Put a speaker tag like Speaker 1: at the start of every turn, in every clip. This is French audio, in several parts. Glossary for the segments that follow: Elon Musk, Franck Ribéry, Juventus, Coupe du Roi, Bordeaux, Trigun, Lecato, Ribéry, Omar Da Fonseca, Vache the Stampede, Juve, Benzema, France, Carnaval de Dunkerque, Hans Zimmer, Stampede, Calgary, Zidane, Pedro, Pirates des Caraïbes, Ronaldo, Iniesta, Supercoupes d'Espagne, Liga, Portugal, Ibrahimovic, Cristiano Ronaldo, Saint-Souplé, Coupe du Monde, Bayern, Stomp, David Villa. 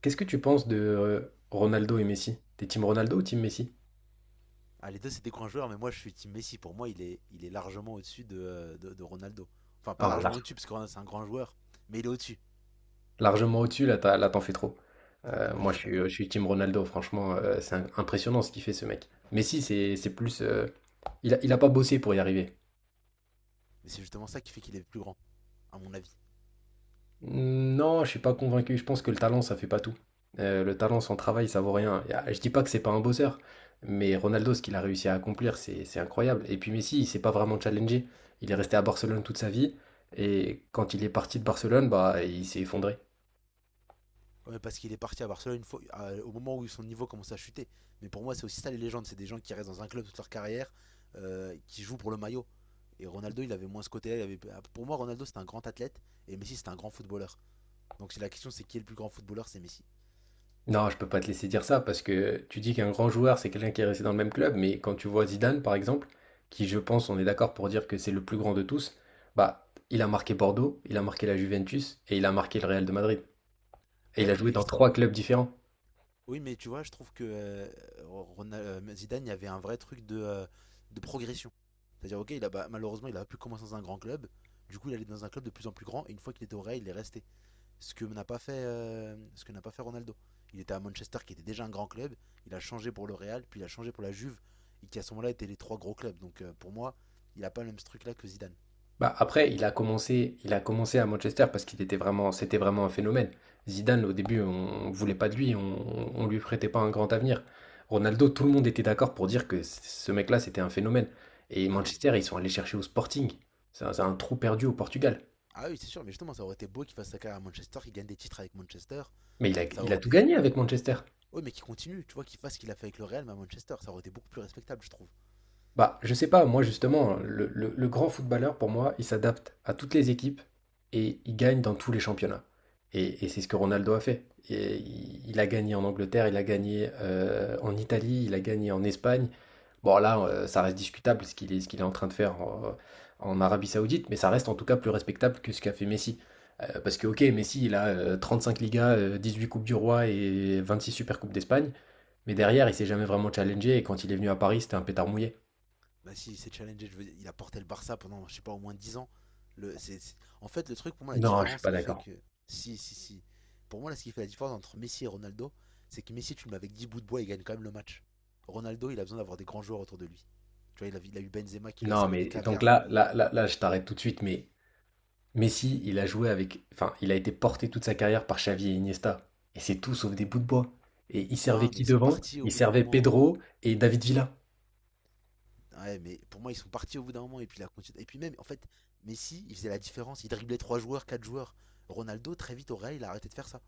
Speaker 1: Qu'est-ce que tu penses de Ronaldo et Messi? T'es team Ronaldo ou team Messi?
Speaker 2: Ah, les deux, c'est des grands joueurs, mais moi, je suis Team Messi. Pour moi, il est largement au-dessus de Ronaldo. Enfin, pas
Speaker 1: Ah,
Speaker 2: largement au-dessus, parce que Ronaldo, c'est un grand joueur, mais il est au-dessus.
Speaker 1: largement au-dessus, là, là, t'en fais trop.
Speaker 2: Ouais, je
Speaker 1: Moi, je
Speaker 2: suis
Speaker 1: suis, je
Speaker 2: d'accord.
Speaker 1: suis team Ronaldo, franchement, c'est impressionnant ce qu'il fait, ce mec. Messi, c'est plus. Il a pas bossé pour y arriver.
Speaker 2: Mais c'est justement ça qui fait qu'il est plus grand, à mon avis.
Speaker 1: Non, je suis pas convaincu. Je pense que le talent, ça fait pas tout. Le talent sans travail, ça vaut rien. Je dis pas que c'est pas un bosseur, mais Ronaldo, ce qu'il a réussi à accomplir, c'est incroyable. Et puis Messi, il s'est pas vraiment challengé. Il est resté à Barcelone toute sa vie, et quand il est parti de Barcelone, bah, il s'est effondré.
Speaker 2: Ouais, parce qu'il est parti à Barcelone une fois, au moment où son niveau commence à chuter. Mais pour moi, c'est aussi ça les légendes. C'est des gens qui restent dans un club toute leur carrière, qui jouent pour le maillot. Et Ronaldo, il avait moins ce côté-là. Pour moi, Ronaldo, c'était un grand athlète et Messi, c'était un grand footballeur. Donc si la question, c'est qui est le plus grand footballeur, c'est Messi.
Speaker 1: Non, je peux pas te laisser dire ça parce que tu dis qu'un grand joueur, c'est quelqu'un qui est resté dans le même club, mais quand tu vois Zidane, par exemple, qui je pense, on est d'accord pour dire que c'est le plus grand de tous, bah, il a marqué Bordeaux, il a marqué la Juventus et il a marqué le Real de Madrid. Et il a
Speaker 2: Ouais,
Speaker 1: joué
Speaker 2: mais
Speaker 1: dans
Speaker 2: je
Speaker 1: trois
Speaker 2: trouve.
Speaker 1: clubs différents.
Speaker 2: Oui, mais tu vois, je trouve que Zidane, il y avait un vrai truc de progression. C'est-à-dire, ok, il a, bah, malheureusement, il a pu commencer dans un grand club. Du coup, il allait dans un club de plus en plus grand. Et une fois qu'il était au Real, il est resté. Ce que n'a pas fait, ce que n'a pas fait Ronaldo. Il était à Manchester, qui était déjà un grand club. Il a changé pour le Real, puis il a changé pour la Juve, et qui à ce moment-là étaient les trois gros clubs. Donc, pour moi, il a pas le même ce truc-là que Zidane.
Speaker 1: Bah, après, il a commencé à Manchester parce qu'c'était vraiment un phénomène. Zidane, au début, on ne voulait pas de lui, on lui prêtait pas un grand avenir. Ronaldo, tout le monde était d'accord pour dire que ce mec-là, c'était un phénomène. Et
Speaker 2: Ah oui,
Speaker 1: Manchester, ils sont allés chercher au Sporting. C'est un trou perdu au Portugal.
Speaker 2: ah oui, c'est sûr. Mais justement, ça aurait été beau qu'il fasse sa carrière à Manchester, qu'il gagne des titres avec Manchester.
Speaker 1: Mais il a,
Speaker 2: Ça
Speaker 1: il a
Speaker 2: aurait
Speaker 1: tout
Speaker 2: été.
Speaker 1: gagné avec Manchester.
Speaker 2: Oui, mais qu'il continue, tu vois, qu'il fasse ce qu'il a fait avec le Real, mais à Manchester, ça aurait été beaucoup plus respectable, je trouve.
Speaker 1: Bah, je sais pas, moi justement, le grand footballeur, pour moi, il s'adapte à toutes les équipes et il gagne dans tous les championnats. Et c'est ce que Ronaldo a fait. Et il a gagné en Angleterre, il a gagné en Italie, il a gagné en Espagne. Bon, là, ça reste discutable ce qu'il est en train de faire en Arabie Saoudite, mais ça reste en tout cas plus respectable que ce qu'a fait Messi. Parce que, ok, Messi, il a 35 Ligas, 18 Coupes du Roi et 26 Supercoupes d'Espagne, mais derrière, il s'est jamais vraiment challengé et quand il est venu à Paris, c'était un pétard mouillé.
Speaker 2: Bah, si c'est challengé, je veux dire, il a porté le Barça pendant, je sais pas, au moins 10 ans. En fait, le truc, pour moi, la
Speaker 1: Non, je suis
Speaker 2: différence
Speaker 1: pas
Speaker 2: qui fait
Speaker 1: d'accord.
Speaker 2: que. Si, si, si. Pour moi, là, ce qui fait la différence entre Messi et Ronaldo, c'est que Messi, tu le mets avec 10 bouts de bois, il gagne quand même le match. Ronaldo, il a besoin d'avoir des grands joueurs autour de lui. Tu vois, il a eu Benzema qui lui a
Speaker 1: Non,
Speaker 2: servi des
Speaker 1: mais et donc
Speaker 2: caviars.
Speaker 1: là, là, là, là, je t'arrête tout de suite, mais Messi, il a joué avec, enfin, il a été porté toute sa carrière par Xavi et Iniesta, et c'est tout sauf des bouts de bois. Et il servait
Speaker 2: Non, mais
Speaker 1: qui
Speaker 2: ils sont
Speaker 1: devant?
Speaker 2: partis au
Speaker 1: Il
Speaker 2: bout d'un
Speaker 1: servait
Speaker 2: moment.
Speaker 1: Pedro et David Villa.
Speaker 2: Ouais, mais pour moi, ils sont partis au bout d'un moment et puis la continuité. Et puis même, en fait, Messi, il faisait la différence. Il driblait 3 joueurs, 4 joueurs. Ronaldo, très vite au Real, il a arrêté de faire ça.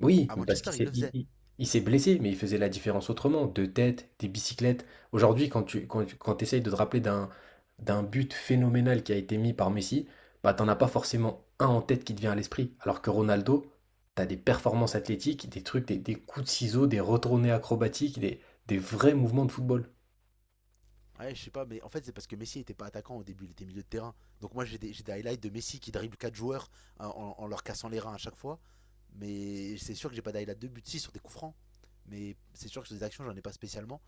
Speaker 1: Oui,
Speaker 2: À
Speaker 1: mais parce
Speaker 2: Manchester,
Speaker 1: qu'
Speaker 2: il le faisait.
Speaker 1: il s'est blessé, mais il faisait la différence autrement, de tête, des bicyclettes. Aujourd'hui, quand t'essayes de te rappeler d'un but phénoménal qui a été mis par Messi, bah t'en as pas forcément un en tête qui te vient à l'esprit. Alors que Ronaldo, t'as des performances athlétiques, des trucs, des coups de ciseaux, des retournées acrobatiques, des vrais mouvements de football.
Speaker 2: Ouais, je sais pas, mais en fait, c'est parce que Messi était pas attaquant au début, il était milieu de terrain. Donc moi, j'ai des highlights de Messi qui dribble 4 joueurs hein, en leur cassant les reins à chaque fois. Mais c'est sûr que j'ai pas d'highlight de but 6 sur des coups francs. Mais c'est sûr que sur des actions, j'en ai pas spécialement.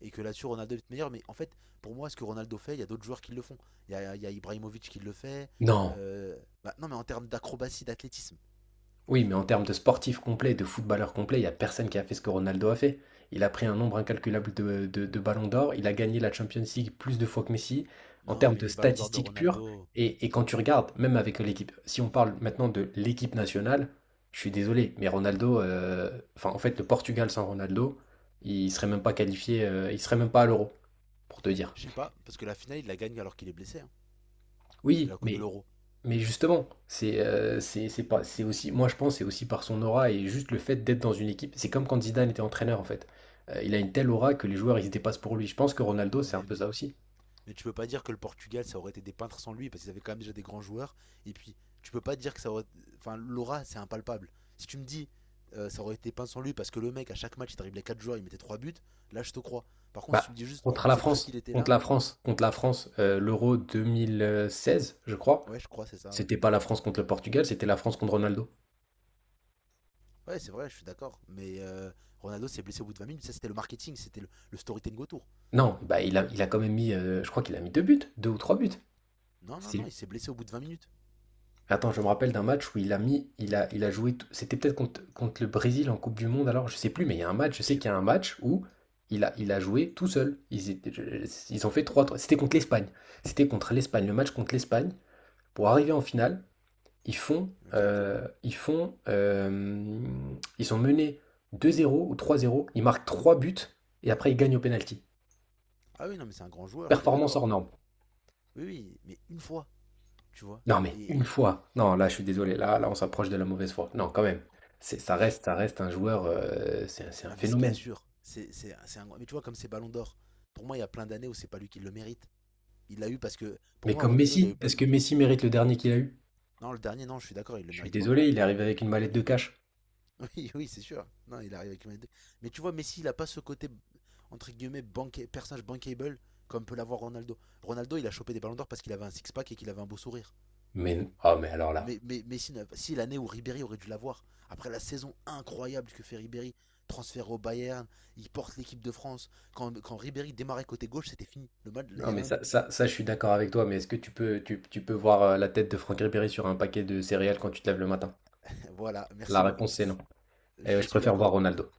Speaker 2: Et que là-dessus Ronaldo est meilleur. Mais en fait, pour moi, ce que Ronaldo fait, il y a d'autres joueurs qui le font. Il y a Ibrahimovic qui le fait.
Speaker 1: Non.
Speaker 2: Euh, bah, non, mais en termes d'acrobatie, d'athlétisme.
Speaker 1: Oui, mais en termes de sportif complet, de footballeur complet, il n'y a personne qui a fait ce que Ronaldo a fait. Il a pris un nombre incalculable de ballons d'or, il a gagné la Champions League plus de fois que Messi, en
Speaker 2: Non,
Speaker 1: termes
Speaker 2: mais
Speaker 1: de
Speaker 2: les ballons d'or de
Speaker 1: statistiques pures.
Speaker 2: Ronaldo,
Speaker 1: Et quand tu regardes, même avec l'équipe, si on parle maintenant de l'équipe nationale, je suis désolé, mais Ronaldo, enfin en fait le Portugal sans Ronaldo, il serait même pas qualifié, il serait même pas à l'Euro, pour te dire.
Speaker 2: je sais pas, parce que la finale, il la gagne alors qu'il est blessé, hein, de
Speaker 1: Oui,
Speaker 2: la Coupe de
Speaker 1: mais
Speaker 2: l'Euro.
Speaker 1: Mais justement, c'est pas c'est aussi moi je pense c'est aussi par son aura et juste le fait d'être dans une équipe. C'est comme quand Zidane était entraîneur en fait. Il a une telle aura que les joueurs ils se dépassent pour lui. Je pense que Ronaldo c'est un
Speaker 2: Ouais,
Speaker 1: peu ça
Speaker 2: mais.
Speaker 1: aussi.
Speaker 2: Mais tu peux pas dire que le Portugal, ça aurait été des peintres sans lui, parce qu'ils avaient quand même déjà des grands joueurs. Et puis, tu peux pas dire que ça aurait. Enfin, l'aura, c'est impalpable. Si tu me dis, ça aurait été peint sans lui, parce que le mec, à chaque match, il les 4 joueurs, il mettait 3 buts, là, je te crois. Par contre, si tu me
Speaker 1: Bah,
Speaker 2: dis juste,
Speaker 1: contre la
Speaker 2: c'est parce
Speaker 1: France,
Speaker 2: qu'il était
Speaker 1: contre
Speaker 2: là.
Speaker 1: la France, contre la France, l'Euro 2016 je crois.
Speaker 2: Ouais, je crois, c'est ça, ouais.
Speaker 1: C'était pas la France contre le Portugal, c'était la France contre Ronaldo.
Speaker 2: Ouais, c'est vrai, je suis d'accord. Mais Ronaldo s'est blessé au bout de 20 minutes. Ça, c'était le marketing, c'était le storytelling autour.
Speaker 1: Non, bah il a quand même mis, je crois qu'il a mis deux buts, deux ou trois buts.
Speaker 2: Non, non, non,
Speaker 1: C'est
Speaker 2: il s'est blessé au bout de 20 minutes.
Speaker 1: Attends, je me rappelle d'un match où il a mis, il a joué, c'était peut-être contre le Brésil en Coupe du Monde, alors je sais plus, mais il y a un match, je
Speaker 2: Je
Speaker 1: sais
Speaker 2: sais
Speaker 1: qu'il y a
Speaker 2: plus,
Speaker 1: un match où il a joué tout seul. Ils ont fait 3-3. C'était contre l'Espagne. C'était contre l'Espagne, le match contre l'Espagne. Pour arriver en finale, ils font,
Speaker 2: ok.
Speaker 1: euh, ils font, euh, ils sont menés 2-0 ou 3-0. Ils marquent 3 buts et après ils gagnent au pénalty.
Speaker 2: Ah oui, non, mais c'est un grand joueur, je suis
Speaker 1: Performance
Speaker 2: d'accord.
Speaker 1: hors norme.
Speaker 2: Oui, oui, mais une fois, tu vois.
Speaker 1: Non, mais une
Speaker 2: Et.
Speaker 1: fois. Non, là, je suis désolé. Là, là, on s'approche de la mauvaise foi. Non, quand même. C'est, ça
Speaker 2: Je-
Speaker 1: reste, ça reste un joueur. C'est un
Speaker 2: Non, mais c'est bien
Speaker 1: phénomène.
Speaker 2: sûr. C'est un... Mais tu vois, comme c'est Ballon d'Or, pour moi, il y a plein d'années où c'est pas lui qui le mérite. Il l'a eu parce que. Pour
Speaker 1: Mais
Speaker 2: moi,
Speaker 1: comme
Speaker 2: Ronaldo, il a eu
Speaker 1: Messi,
Speaker 2: plein
Speaker 1: est-ce
Speaker 2: de.
Speaker 1: que Messi mérite le dernier qu'il a eu?
Speaker 2: Non, le dernier, non, je suis d'accord, il le
Speaker 1: Je suis
Speaker 2: mérite pas.
Speaker 1: désolé, il est arrivé avec une mallette de cash.
Speaker 2: Oui, oui, c'est sûr. Non, il arrive avec une manette de-. Mais tu vois, Messi, il a pas ce côté, entre guillemets, personnage bankable comme peut l'avoir Ronaldo. Ronaldo, il a chopé des ballons d'or parce qu'il avait un six-pack et qu'il avait un beau sourire.
Speaker 1: Mais oh, mais alors là.
Speaker 2: Mais Messi, si l'année où Ribéry aurait dû l'avoir, après la saison incroyable que fait Ribéry, transfert au Bayern, il porte l'équipe de France. Quand Ribéry démarrait côté gauche, c'était fini. Le match, il
Speaker 1: Non,
Speaker 2: y
Speaker 1: mais
Speaker 2: avait un
Speaker 1: ça,
Speaker 2: but.
Speaker 1: ça, ça, je suis d'accord avec toi. Mais est-ce que tu peux voir la tête de Franck Ribéry sur un paquet de céréales quand tu te lèves le matin?
Speaker 2: voilà,
Speaker 1: La
Speaker 2: merci beaucoup.
Speaker 1: réponse, c'est non. Et
Speaker 2: Je
Speaker 1: je
Speaker 2: suis
Speaker 1: préfère voir
Speaker 2: d'accord.
Speaker 1: Ronaldo.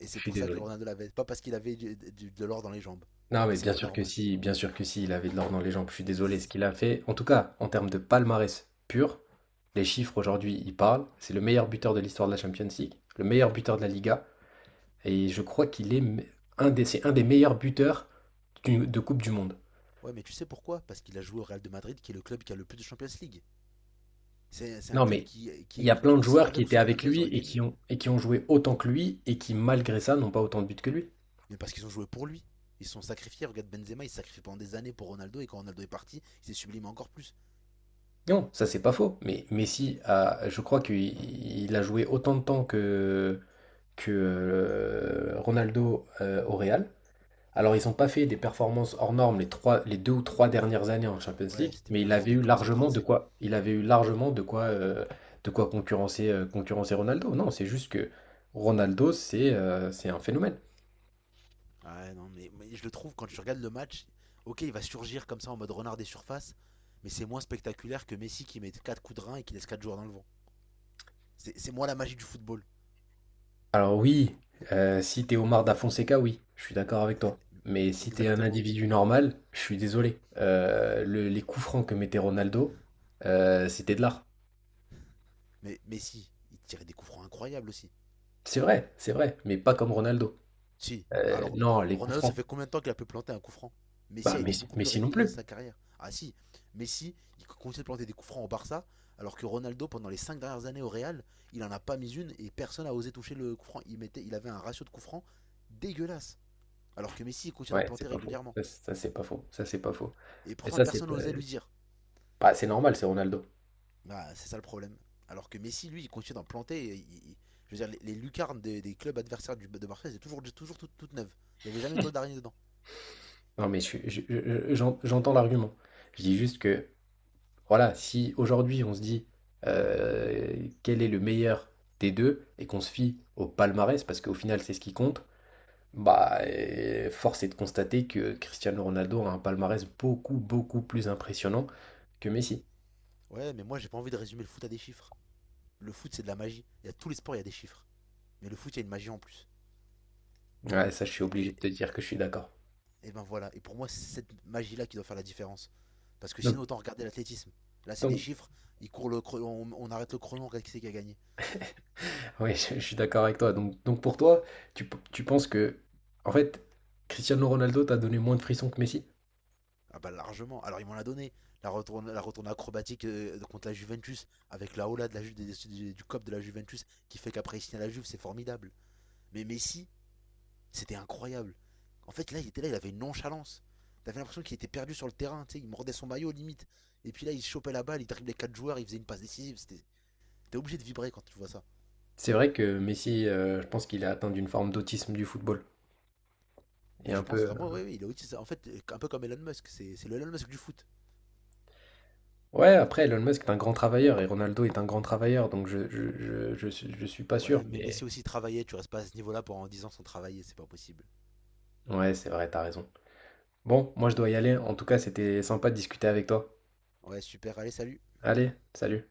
Speaker 2: Et
Speaker 1: Je
Speaker 2: c'est
Speaker 1: suis
Speaker 2: pour ça que
Speaker 1: désolé.
Speaker 2: Ronaldo l'avait. Pas parce qu'il avait de l'or dans les jambes.
Speaker 1: Non,
Speaker 2: Et
Speaker 1: mais
Speaker 2: c'est
Speaker 1: bien
Speaker 2: pas
Speaker 1: sûr que
Speaker 2: normal.
Speaker 1: si, bien sûr que si, il avait de l'or dans les jambes. Je suis désolé, ce qu'il a fait, en tout cas, en termes de palmarès pur, les chiffres aujourd'hui, ils parlent. C'est le meilleur buteur de l'histoire de la Champions League, le meilleur buteur de la Liga, et je crois qu'il est c'est un des meilleurs buteurs de Coupe du Monde.
Speaker 2: Ouais, mais tu sais pourquoi. Parce qu'il a joué au Real de Madrid, qui est le club qui a le plus de Champions League. C'est un
Speaker 1: Non,
Speaker 2: club
Speaker 1: mais il y a plein de joueurs qui
Speaker 2: avec ou
Speaker 1: étaient
Speaker 2: sans
Speaker 1: avec
Speaker 2: Ronaldo, ils
Speaker 1: lui
Speaker 2: auraient
Speaker 1: et qui
Speaker 2: gagné.
Speaker 1: ont, et qui ont joué autant que lui et qui, malgré ça, n'ont pas autant de buts que lui.
Speaker 2: Mais parce qu'ils ont joué pour lui. Ils se sont sacrifiés. Regarde Benzema, il s'est sacrifié pendant des années pour Ronaldo, et quand Ronaldo est parti, il s'est sublimé encore plus.
Speaker 1: Non, ça c'est pas faux, mais Messi, a, je crois qu'il il a joué autant de temps que Ronaldo au Real. Alors, ils n'ont pas fait des performances hors normes les deux ou trois dernières années en Champions League,
Speaker 2: Ouais, c'était
Speaker 1: mais il
Speaker 2: plein, ils
Speaker 1: avait
Speaker 2: étaient
Speaker 1: eu
Speaker 2: commencé à être
Speaker 1: largement de
Speaker 2: rincés.
Speaker 1: quoi, de quoi concurrencer Ronaldo. Non, c'est juste que Ronaldo, c'est un phénomène.
Speaker 2: Ouais, non, mais je le trouve, quand tu regardes le match, ok, il va surgir comme ça en mode renard des surfaces, mais c'est moins spectaculaire que Messi qui met 4 coups de rein et qui laisse 4 joueurs dans le vent. C'est moi la magie du football.
Speaker 1: Alors oui, si t'es Omar Da Fonseca, oui, je suis d'accord avec toi. Mais si t'es un
Speaker 2: Exactement.
Speaker 1: individu normal, je suis désolé. Les coups francs que mettait Ronaldo, c'était de l'art.
Speaker 2: Mais Messi, il tirait des coups francs incroyables aussi.
Speaker 1: C'est vrai, mais pas comme Ronaldo.
Speaker 2: Si.
Speaker 1: Heu,
Speaker 2: Alors,
Speaker 1: non, les coups
Speaker 2: Ronaldo, ça
Speaker 1: francs.
Speaker 2: fait combien de temps qu'il a pu planter un coup franc. Messi
Speaker 1: Bah,
Speaker 2: a été
Speaker 1: Messi
Speaker 2: beaucoup plus
Speaker 1: Messi non
Speaker 2: régulier dans
Speaker 1: plus.
Speaker 2: sa carrière. Ah si, Messi, il continue de planter des coups francs au Barça, alors que Ronaldo, pendant les 5 dernières années au Real, il en a pas mis une et personne n'a osé toucher le coup franc. Il avait un ratio de coups francs dégueulasse. Alors que Messi, il continue d'en
Speaker 1: Ouais,
Speaker 2: planter
Speaker 1: c'est pas faux.
Speaker 2: régulièrement.
Speaker 1: Ça c'est pas faux, ça c'est pas faux.
Speaker 2: Et
Speaker 1: Mais
Speaker 2: pourtant,
Speaker 1: ça c'est
Speaker 2: personne
Speaker 1: pas
Speaker 2: n'osait lui dire.
Speaker 1: bah, c'est normal, c'est Ronaldo.
Speaker 2: Bah, c'est ça le problème. Alors que Messi, lui, il continue d'en planter. Je veux dire, les lucarnes des clubs adversaires de Barça, c'est toujours toutes neuves. Il n'y avait jamais une toile d'araignée dedans.
Speaker 1: Non mais je suis je j'en j'entends l'argument. Je dis juste que, voilà, si aujourd'hui on se dit, quel est le meilleur des 2 et qu'on se fie au palmarès parce qu'au final c'est ce qui compte, bah, force est de constater que Cristiano Ronaldo a un palmarès beaucoup, beaucoup plus impressionnant que Messi.
Speaker 2: Ouais, mais moi, j'ai pas envie de résumer le foot à des chiffres. Le foot, c'est de la magie. Il y a tous les sports, il y a des chiffres. Mais le foot, il y a une magie en plus.
Speaker 1: Ouais, ça je suis
Speaker 2: Et,
Speaker 1: obligé
Speaker 2: et-
Speaker 1: de te dire que je suis d'accord.
Speaker 2: et ben voilà. Et pour moi, c'est cette magie-là qui doit faire la différence. Parce que sinon, autant regarder l'athlétisme. Là, c'est des
Speaker 1: donc
Speaker 2: chiffres. Ils courent on arrête le chrono, on regarde qui c'est qui a gagné.
Speaker 1: Oui, je suis d'accord avec toi. Donc pour toi, tu penses que, en fait, Cristiano Ronaldo t'a donné moins de frissons que Messi?
Speaker 2: Ah bah largement. Alors ils m'en l'a donné. La retourne acrobatique contre la Juventus avec la hola de la, Ju- du cop de la Juventus qui fait qu'après il signe à la Juve, c'est formidable. Mais Messi, c'était incroyable. En fait, là, il était là, il avait une nonchalance. T'avais l'impression qu'il était perdu sur le terrain, tu sais, il mordait son maillot limite. Et puis là, il chopait la balle, il driblait quatre joueurs, il faisait une passe décisive. T'es obligé de vibrer quand tu vois ça.
Speaker 1: C'est vrai que Messi, je pense qu'il a atteint d'une forme d'autisme du football. Et
Speaker 2: Mais
Speaker 1: un
Speaker 2: je
Speaker 1: peu.
Speaker 2: pense vraiment, oui, oui, il est autiste. En fait, un peu comme Elon Musk, c'est le Elon Musk du foot.
Speaker 1: Ouais, après, Elon Musk est un grand travailleur et Ronaldo est un grand travailleur, donc je suis pas sûr,
Speaker 2: Ouais, mais
Speaker 1: mais.
Speaker 2: Messi aussi travaillait, tu restes pas à ce niveau-là pendant 10 ans sans travailler, c'est pas possible.
Speaker 1: Ouais, c'est vrai, t'as raison. Bon, moi je dois y aller. En tout cas, c'était sympa de discuter avec toi.
Speaker 2: Ouais, super, allez, salut.
Speaker 1: Allez, salut.